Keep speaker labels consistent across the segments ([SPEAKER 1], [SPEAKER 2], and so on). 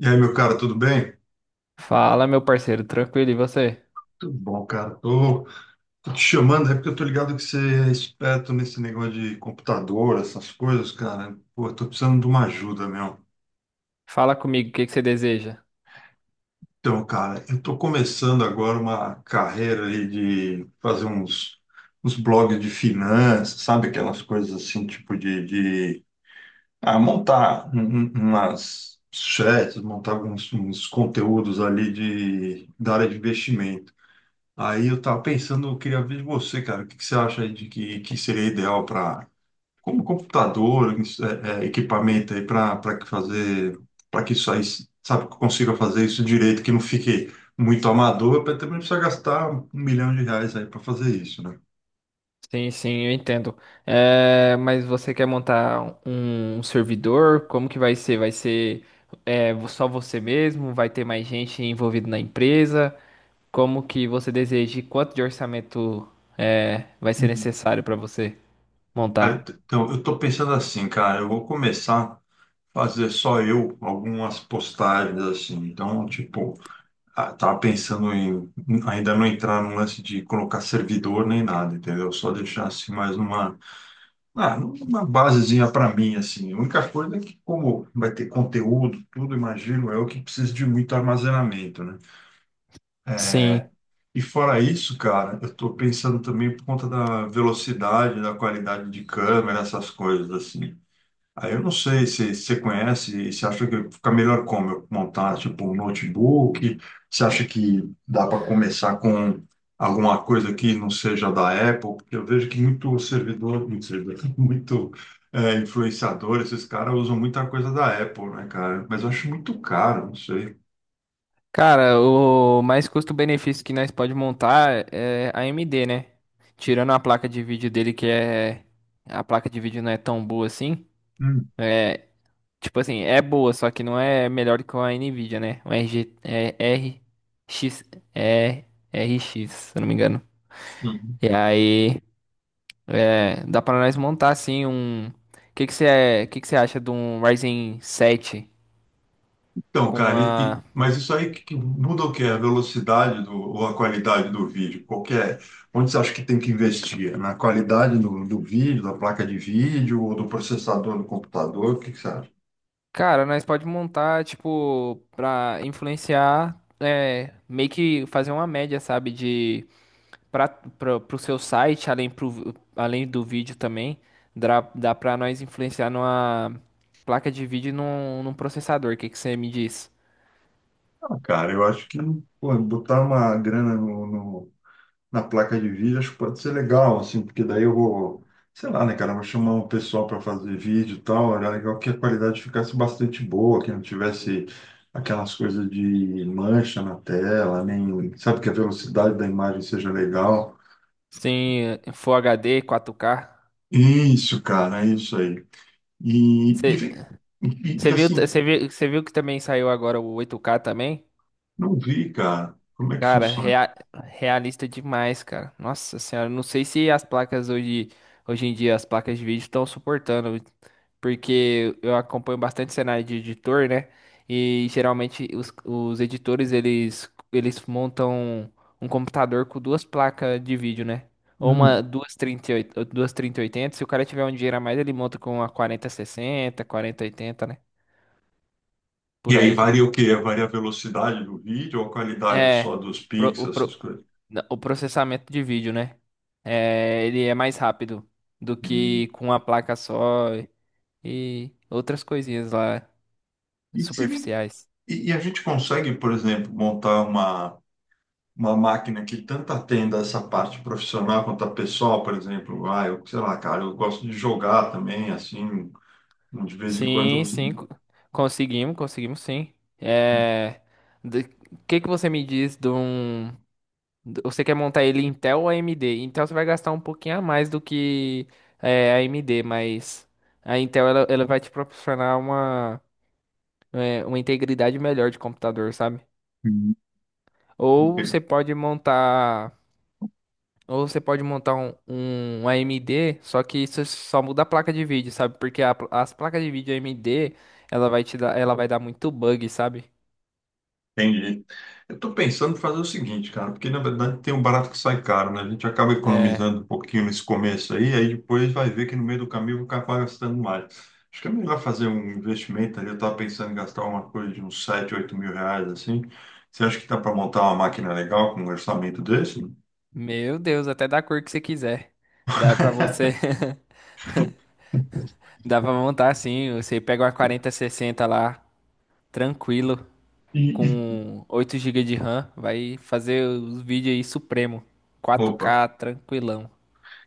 [SPEAKER 1] E aí, meu cara, tudo bem?
[SPEAKER 2] Fala, meu parceiro, tranquilo, e você?
[SPEAKER 1] Tudo bom, cara. Tô te chamando, é porque eu tô ligado que você é esperto nesse negócio de computador, essas coisas, cara. Pô, eu tô precisando de uma ajuda, meu.
[SPEAKER 2] Fala comigo, o que que você deseja?
[SPEAKER 1] Então, cara, eu tô começando agora uma carreira aí de fazer uns blogs de finanças, sabe? Aquelas coisas assim, tipo de montar umas chats, montar alguns uns conteúdos ali da área de investimento. Aí eu tava pensando, eu queria ver de você, cara, o que que você acha aí de que seria ideal para, como computador, isso, equipamento aí para que fazer, para que isso aí, sabe, que eu consiga fazer isso direito, que não fique muito amador, para também não precisar gastar R$ 1.000.000 aí para fazer isso, né?
[SPEAKER 2] Sim, sim, eu entendo. É, mas você quer montar um servidor? Como que vai ser? Vai ser só você mesmo? Vai ter mais gente envolvida na empresa? Como que você deseja? E quanto de orçamento vai ser
[SPEAKER 1] Uhum.
[SPEAKER 2] necessário para você montar?
[SPEAKER 1] Então, eu tô pensando assim, cara, eu vou começar a fazer só eu algumas postagens assim. Então, tipo, ah, tava pensando em ainda não entrar num lance de colocar servidor nem nada, entendeu? Só deixar assim mais uma, numa basezinha para mim, assim. A única coisa é que, como vai ter conteúdo, tudo, imagino eu, que precisa de muito armazenamento, né?
[SPEAKER 2] Sim.
[SPEAKER 1] E fora isso, cara, eu tô pensando também por conta da velocidade, da qualidade de câmera, essas coisas, assim. Aí eu não sei se você conhece, se acha que fica melhor como eu montar tipo um notebook, se acha que dá para começar com alguma coisa que não seja da Apple, porque eu vejo que muito servidor, muito, é, influenciador, esses caras usam muita coisa da Apple, né, cara? Mas eu acho muito caro, não sei.
[SPEAKER 2] Cara, o mais custo-benefício que nós pode montar é a AMD, né? Tirando a placa de vídeo dele, que é. A placa de vídeo não é tão boa assim. É. Tipo assim, é boa, só que não é melhor que a Nvidia, né? O RX, é R x se eu não me engano.
[SPEAKER 1] Hum.
[SPEAKER 2] E aí, dá pra nós montar assim um. O que você acha de um Ryzen 7?
[SPEAKER 1] Então,
[SPEAKER 2] Com
[SPEAKER 1] cara,
[SPEAKER 2] uma
[SPEAKER 1] mas isso aí que muda o quê? A velocidade do, ou a qualidade do vídeo? Qualquer, onde você acha que tem que investir? Na qualidade do, do vídeo, da placa de vídeo ou do processador do computador? O que você acha?
[SPEAKER 2] Cara, nós pode montar, tipo, pra influenciar, meio que fazer uma média, sabe, pro seu site, além do vídeo também, dá pra nós influenciar numa placa de vídeo e num processador, o que que você me diz?
[SPEAKER 1] Ah, cara, eu acho que, pô, botar uma grana na placa de vídeo, acho que pode ser legal, assim, porque daí eu vou, sei lá, né, cara, eu vou chamar um pessoal para fazer vídeo e tal, era legal que a qualidade ficasse bastante boa, que não tivesse aquelas coisas de mancha na tela, nem, sabe, que a velocidade da imagem seja legal.
[SPEAKER 2] Sim, Full HD, 4K.
[SPEAKER 1] Isso, cara, é isso aí. E, e,
[SPEAKER 2] Você
[SPEAKER 1] vem- e,
[SPEAKER 2] você
[SPEAKER 1] e,
[SPEAKER 2] viu,
[SPEAKER 1] assim,
[SPEAKER 2] você viu, você viu que também saiu agora o 8K também?
[SPEAKER 1] não vi, cara, como é que
[SPEAKER 2] Cara,
[SPEAKER 1] funciona.
[SPEAKER 2] realista demais, cara. Nossa senhora, não sei se as placas hoje em dia, as placas de vídeo estão suportando, porque eu acompanho bastante cenário de editor, né? E geralmente os editores, eles montam um computador com duas placas de vídeo, né? Ou
[SPEAKER 1] Hum.
[SPEAKER 2] uma duas 3080, se o cara tiver um dinheiro a mais, ele monta com uma 4060, 4080, né?
[SPEAKER 1] E
[SPEAKER 2] Por
[SPEAKER 1] aí
[SPEAKER 2] aí.
[SPEAKER 1] varia o quê? Varia a velocidade do vídeo ou a qualidade só
[SPEAKER 2] É,
[SPEAKER 1] dos
[SPEAKER 2] pro- o,
[SPEAKER 1] pixels, essas
[SPEAKER 2] pro-
[SPEAKER 1] coisas?
[SPEAKER 2] o processamento de vídeo, né? É, ele é mais rápido do que
[SPEAKER 1] Hum.
[SPEAKER 2] com a placa só e outras coisinhas lá
[SPEAKER 1] E se
[SPEAKER 2] superficiais.
[SPEAKER 1] E, e a gente consegue, por exemplo, montar uma máquina que tanto atenda essa parte profissional quanto a pessoal, por exemplo. Ah, eu, sei lá, cara, eu gosto de jogar também, assim, de vez em quando
[SPEAKER 2] Sim, sim, conseguimos, conseguimos sim. É, do- que que você me diz de um... Você quer montar ele Intel ou AMD? Intel você vai gastar um pouquinho a mais do que a AMD, mas a Intel ela vai te proporcionar uma... uma integridade melhor de computador, sabe? Ou
[SPEAKER 1] eu...
[SPEAKER 2] você pode montar, ou você pode montar um, um AMD, só que isso só muda a placa de vídeo, sabe? Porque as placas de vídeo AMD, ela vai dar muito bug, sabe?
[SPEAKER 1] Entendi. Eu estou pensando em fazer o seguinte, cara, porque na verdade tem um barato que sai caro, né? A gente acaba
[SPEAKER 2] É,
[SPEAKER 1] economizando um pouquinho nesse começo aí, aí depois vai ver que no meio do caminho vai acabar gastando mais. Acho que é melhor fazer um investimento ali. Eu estava pensando em gastar uma coisa de uns R$ 7.000, R$ 8.000, assim. Você acha que dá para montar uma máquina legal com um orçamento desse?
[SPEAKER 2] Meu Deus, até da cor que você quiser. Dá pra você, dá pra montar assim, você pega uma 4060 lá, tranquilo.
[SPEAKER 1] E, e-
[SPEAKER 2] Com 8 gigas de RAM, vai fazer os vídeos aí supremo.
[SPEAKER 1] Opa,
[SPEAKER 2] 4K, tranquilão.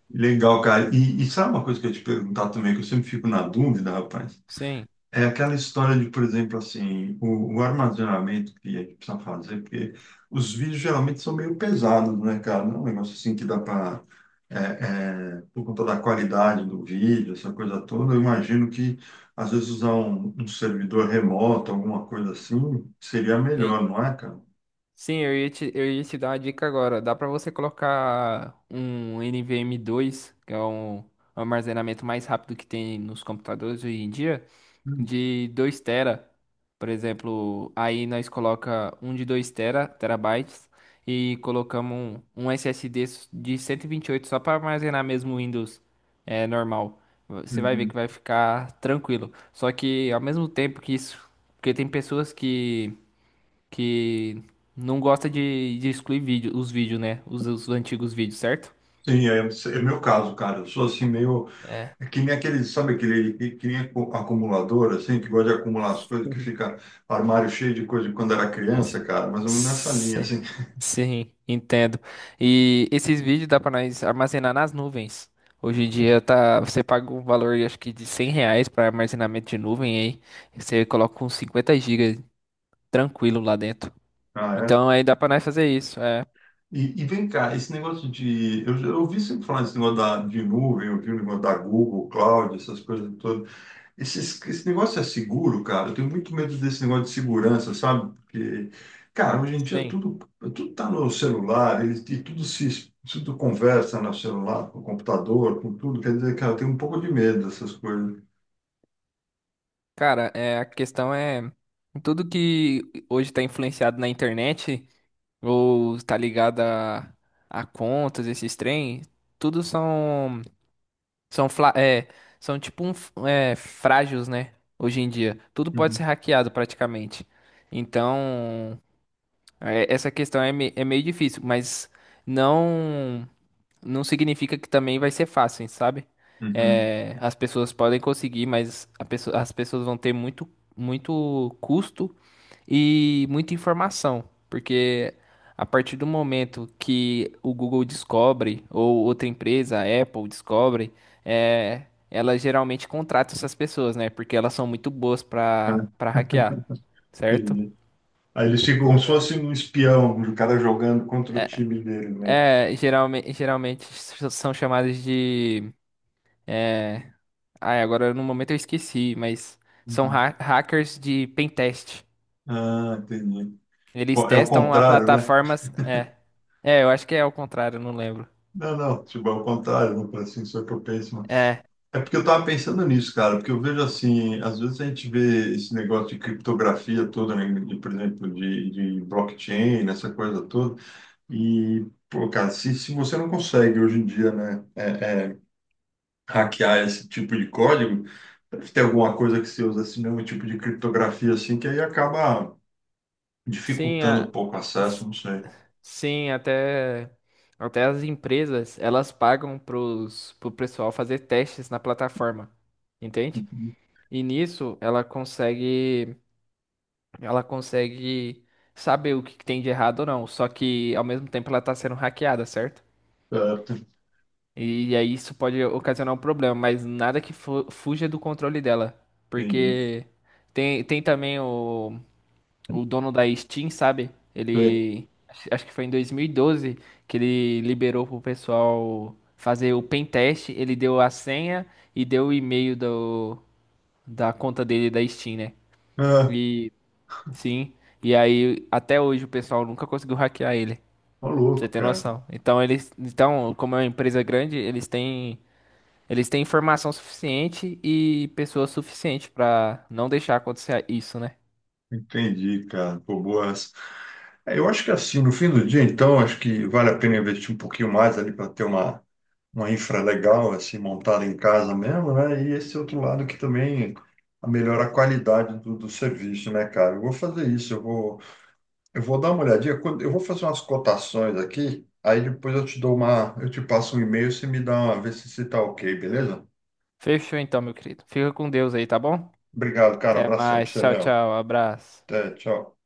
[SPEAKER 1] legal, cara. E sabe uma coisa que eu ia te perguntar também, que eu sempre fico na dúvida, rapaz?
[SPEAKER 2] Sim.
[SPEAKER 1] É aquela história de, por exemplo, assim, o armazenamento que a gente precisa fazer, porque os vídeos geralmente são meio pesados, né, cara? Não é um negócio assim que dá para, por conta da qualidade do vídeo, essa coisa toda, eu imagino que às vezes usar um, um servidor remoto, alguma coisa assim, seria
[SPEAKER 2] Sim,
[SPEAKER 1] melhor, não é, cara?
[SPEAKER 2] sim, eu ia te dar uma dica agora. Dá para você colocar um nvme dois que é um armazenamento mais rápido que tem nos computadores hoje em dia, de 2 tera. Por exemplo, aí nós coloca um de 2 tera, terabytes, e colocamos um SSD de cento e vinte e oito só para armazenar mesmo o Windows normal. Você vai ver
[SPEAKER 1] Uhum.
[SPEAKER 2] que vai ficar tranquilo. Só que ao mesmo tempo que isso, porque tem pessoas que não gosta de excluir os vídeos, né? Os antigos vídeos, certo?
[SPEAKER 1] Sim, é, é meu caso, cara. Eu sou assim meio.
[SPEAKER 2] É.
[SPEAKER 1] É que nem aquele, sabe aquele que nem acumulador, assim, que gosta de acumular as coisas, que fica armário cheio de coisa de quando era criança, cara, mais ou menos nessa linha,
[SPEAKER 2] Sim,
[SPEAKER 1] assim.
[SPEAKER 2] sim, entendo. E esses vídeos dá pra nós armazenar nas nuvens. Hoje em dia tá, você paga um valor, acho que de 100 reais para armazenamento de nuvem aí. Você coloca uns 50 gigas tranquilo lá dentro.
[SPEAKER 1] Ah, é?
[SPEAKER 2] Então aí dá pra nós fazer isso. É,
[SPEAKER 1] E vem cá, esse negócio de... eu ouvi sempre falar desse negócio da, de nuvem, eu ouvi o negócio da Google, Cloud, essas coisas todas. Esse negócio é seguro, cara. Eu tenho muito medo desse negócio de segurança, sabe? Porque, cara, hoje em dia
[SPEAKER 2] sim.
[SPEAKER 1] tudo, tudo tá no celular, eles e tudo se tudo conversa no celular, com o computador, com tudo. Quer dizer, cara, eu tenho um pouco de medo dessas coisas.
[SPEAKER 2] Cara, a questão é tudo que hoje está influenciado na internet, ou tá ligada a contas, esses trem, tudo são fla- é, são tipo frágeis, né? Hoje em dia, tudo pode
[SPEAKER 1] Uhum.
[SPEAKER 2] ser hackeado praticamente. Então, essa questão é meio difícil, mas não não significa que também vai ser fácil, sabe?
[SPEAKER 1] Uhum.
[SPEAKER 2] É, as pessoas podem conseguir, mas as pessoas vão ter muito muito custo e muita informação, porque a partir do momento que o Google descobre, ou outra empresa, a Apple descobre, ela geralmente contrata essas pessoas, né? Porque elas são muito boas
[SPEAKER 1] É,
[SPEAKER 2] para hackear, certo?
[SPEAKER 1] entendi. Aí eles ficam
[SPEAKER 2] Pois
[SPEAKER 1] como se
[SPEAKER 2] é.
[SPEAKER 1] fosse um espião, o cara jogando contra o time dele, né?
[SPEAKER 2] Geralmente são chamadas de. É, Ai, agora no momento eu esqueci, mas são
[SPEAKER 1] Uhum.
[SPEAKER 2] hackers de pentest.
[SPEAKER 1] Ah, entendi.
[SPEAKER 2] Eles
[SPEAKER 1] É o
[SPEAKER 2] testam a
[SPEAKER 1] contrário, né?
[SPEAKER 2] plataformas. É, é, eu acho que é ao contrário, eu não lembro.
[SPEAKER 1] Não, não, tipo, é o contrário, não, assim, só que eu penso.
[SPEAKER 2] É,
[SPEAKER 1] É porque eu tava pensando nisso, cara, porque eu vejo assim, às vezes a gente vê esse negócio de criptografia toda, né, de, por exemplo, de blockchain, essa coisa toda, e, pô, cara, se você não consegue hoje em dia, né, hackear esse tipo de código, deve ter alguma coisa que você usa esse mesmo tipo de criptografia, assim, que aí acaba
[SPEAKER 2] sim,
[SPEAKER 1] dificultando um pouco o acesso,
[SPEAKER 2] s-
[SPEAKER 1] não sei.
[SPEAKER 2] sim, até as empresas, elas pagam pro pessoal fazer testes na plataforma, entende?
[SPEAKER 1] Uhum.
[SPEAKER 2] E nisso ela consegue saber o que que tem de errado ou não, só que ao mesmo tempo ela tá sendo hackeada, certo?
[SPEAKER 1] Certo,
[SPEAKER 2] E aí isso pode ocasionar um problema, mas nada que fuja do controle dela,
[SPEAKER 1] entendi.
[SPEAKER 2] porque tem também o dono da Steam, sabe?
[SPEAKER 1] Sei.
[SPEAKER 2] Ele. Acho que foi em 2012 que ele liberou pro pessoal fazer o pen teste. Ele deu a senha e deu o e-mail da conta dele da Steam, né?
[SPEAKER 1] Ah,
[SPEAKER 2] E sim. E aí, até hoje, o pessoal nunca conseguiu hackear ele. Pra
[SPEAKER 1] tá
[SPEAKER 2] você
[SPEAKER 1] louco,
[SPEAKER 2] ter
[SPEAKER 1] cara.
[SPEAKER 2] noção. Então, eles. Então, como é uma empresa grande, Eles têm informação suficiente e pessoas suficientes pra não deixar acontecer isso, né?
[SPEAKER 1] Entendi, cara. Pô, boa essa. É, eu acho que assim, no fim do dia, então, acho que vale a pena investir um pouquinho mais ali para ter uma infra legal, assim, montada em casa mesmo, né? E esse outro lado que também melhora a qualidade do, do serviço, né, cara? Eu vou fazer isso, eu vou dar uma olhadinha, eu vou fazer umas cotações aqui, aí depois eu te dou uma, eu te passo um e-mail, você me dá uma, vê se, se tá ok, beleza?
[SPEAKER 2] Fechou então, meu querido. Fica com Deus aí, tá bom?
[SPEAKER 1] Obrigado, cara,
[SPEAKER 2] Até
[SPEAKER 1] abração pra
[SPEAKER 2] mais.
[SPEAKER 1] você,
[SPEAKER 2] Tchau,
[SPEAKER 1] meu.
[SPEAKER 2] tchau. Abraço.
[SPEAKER 1] Até, tchau.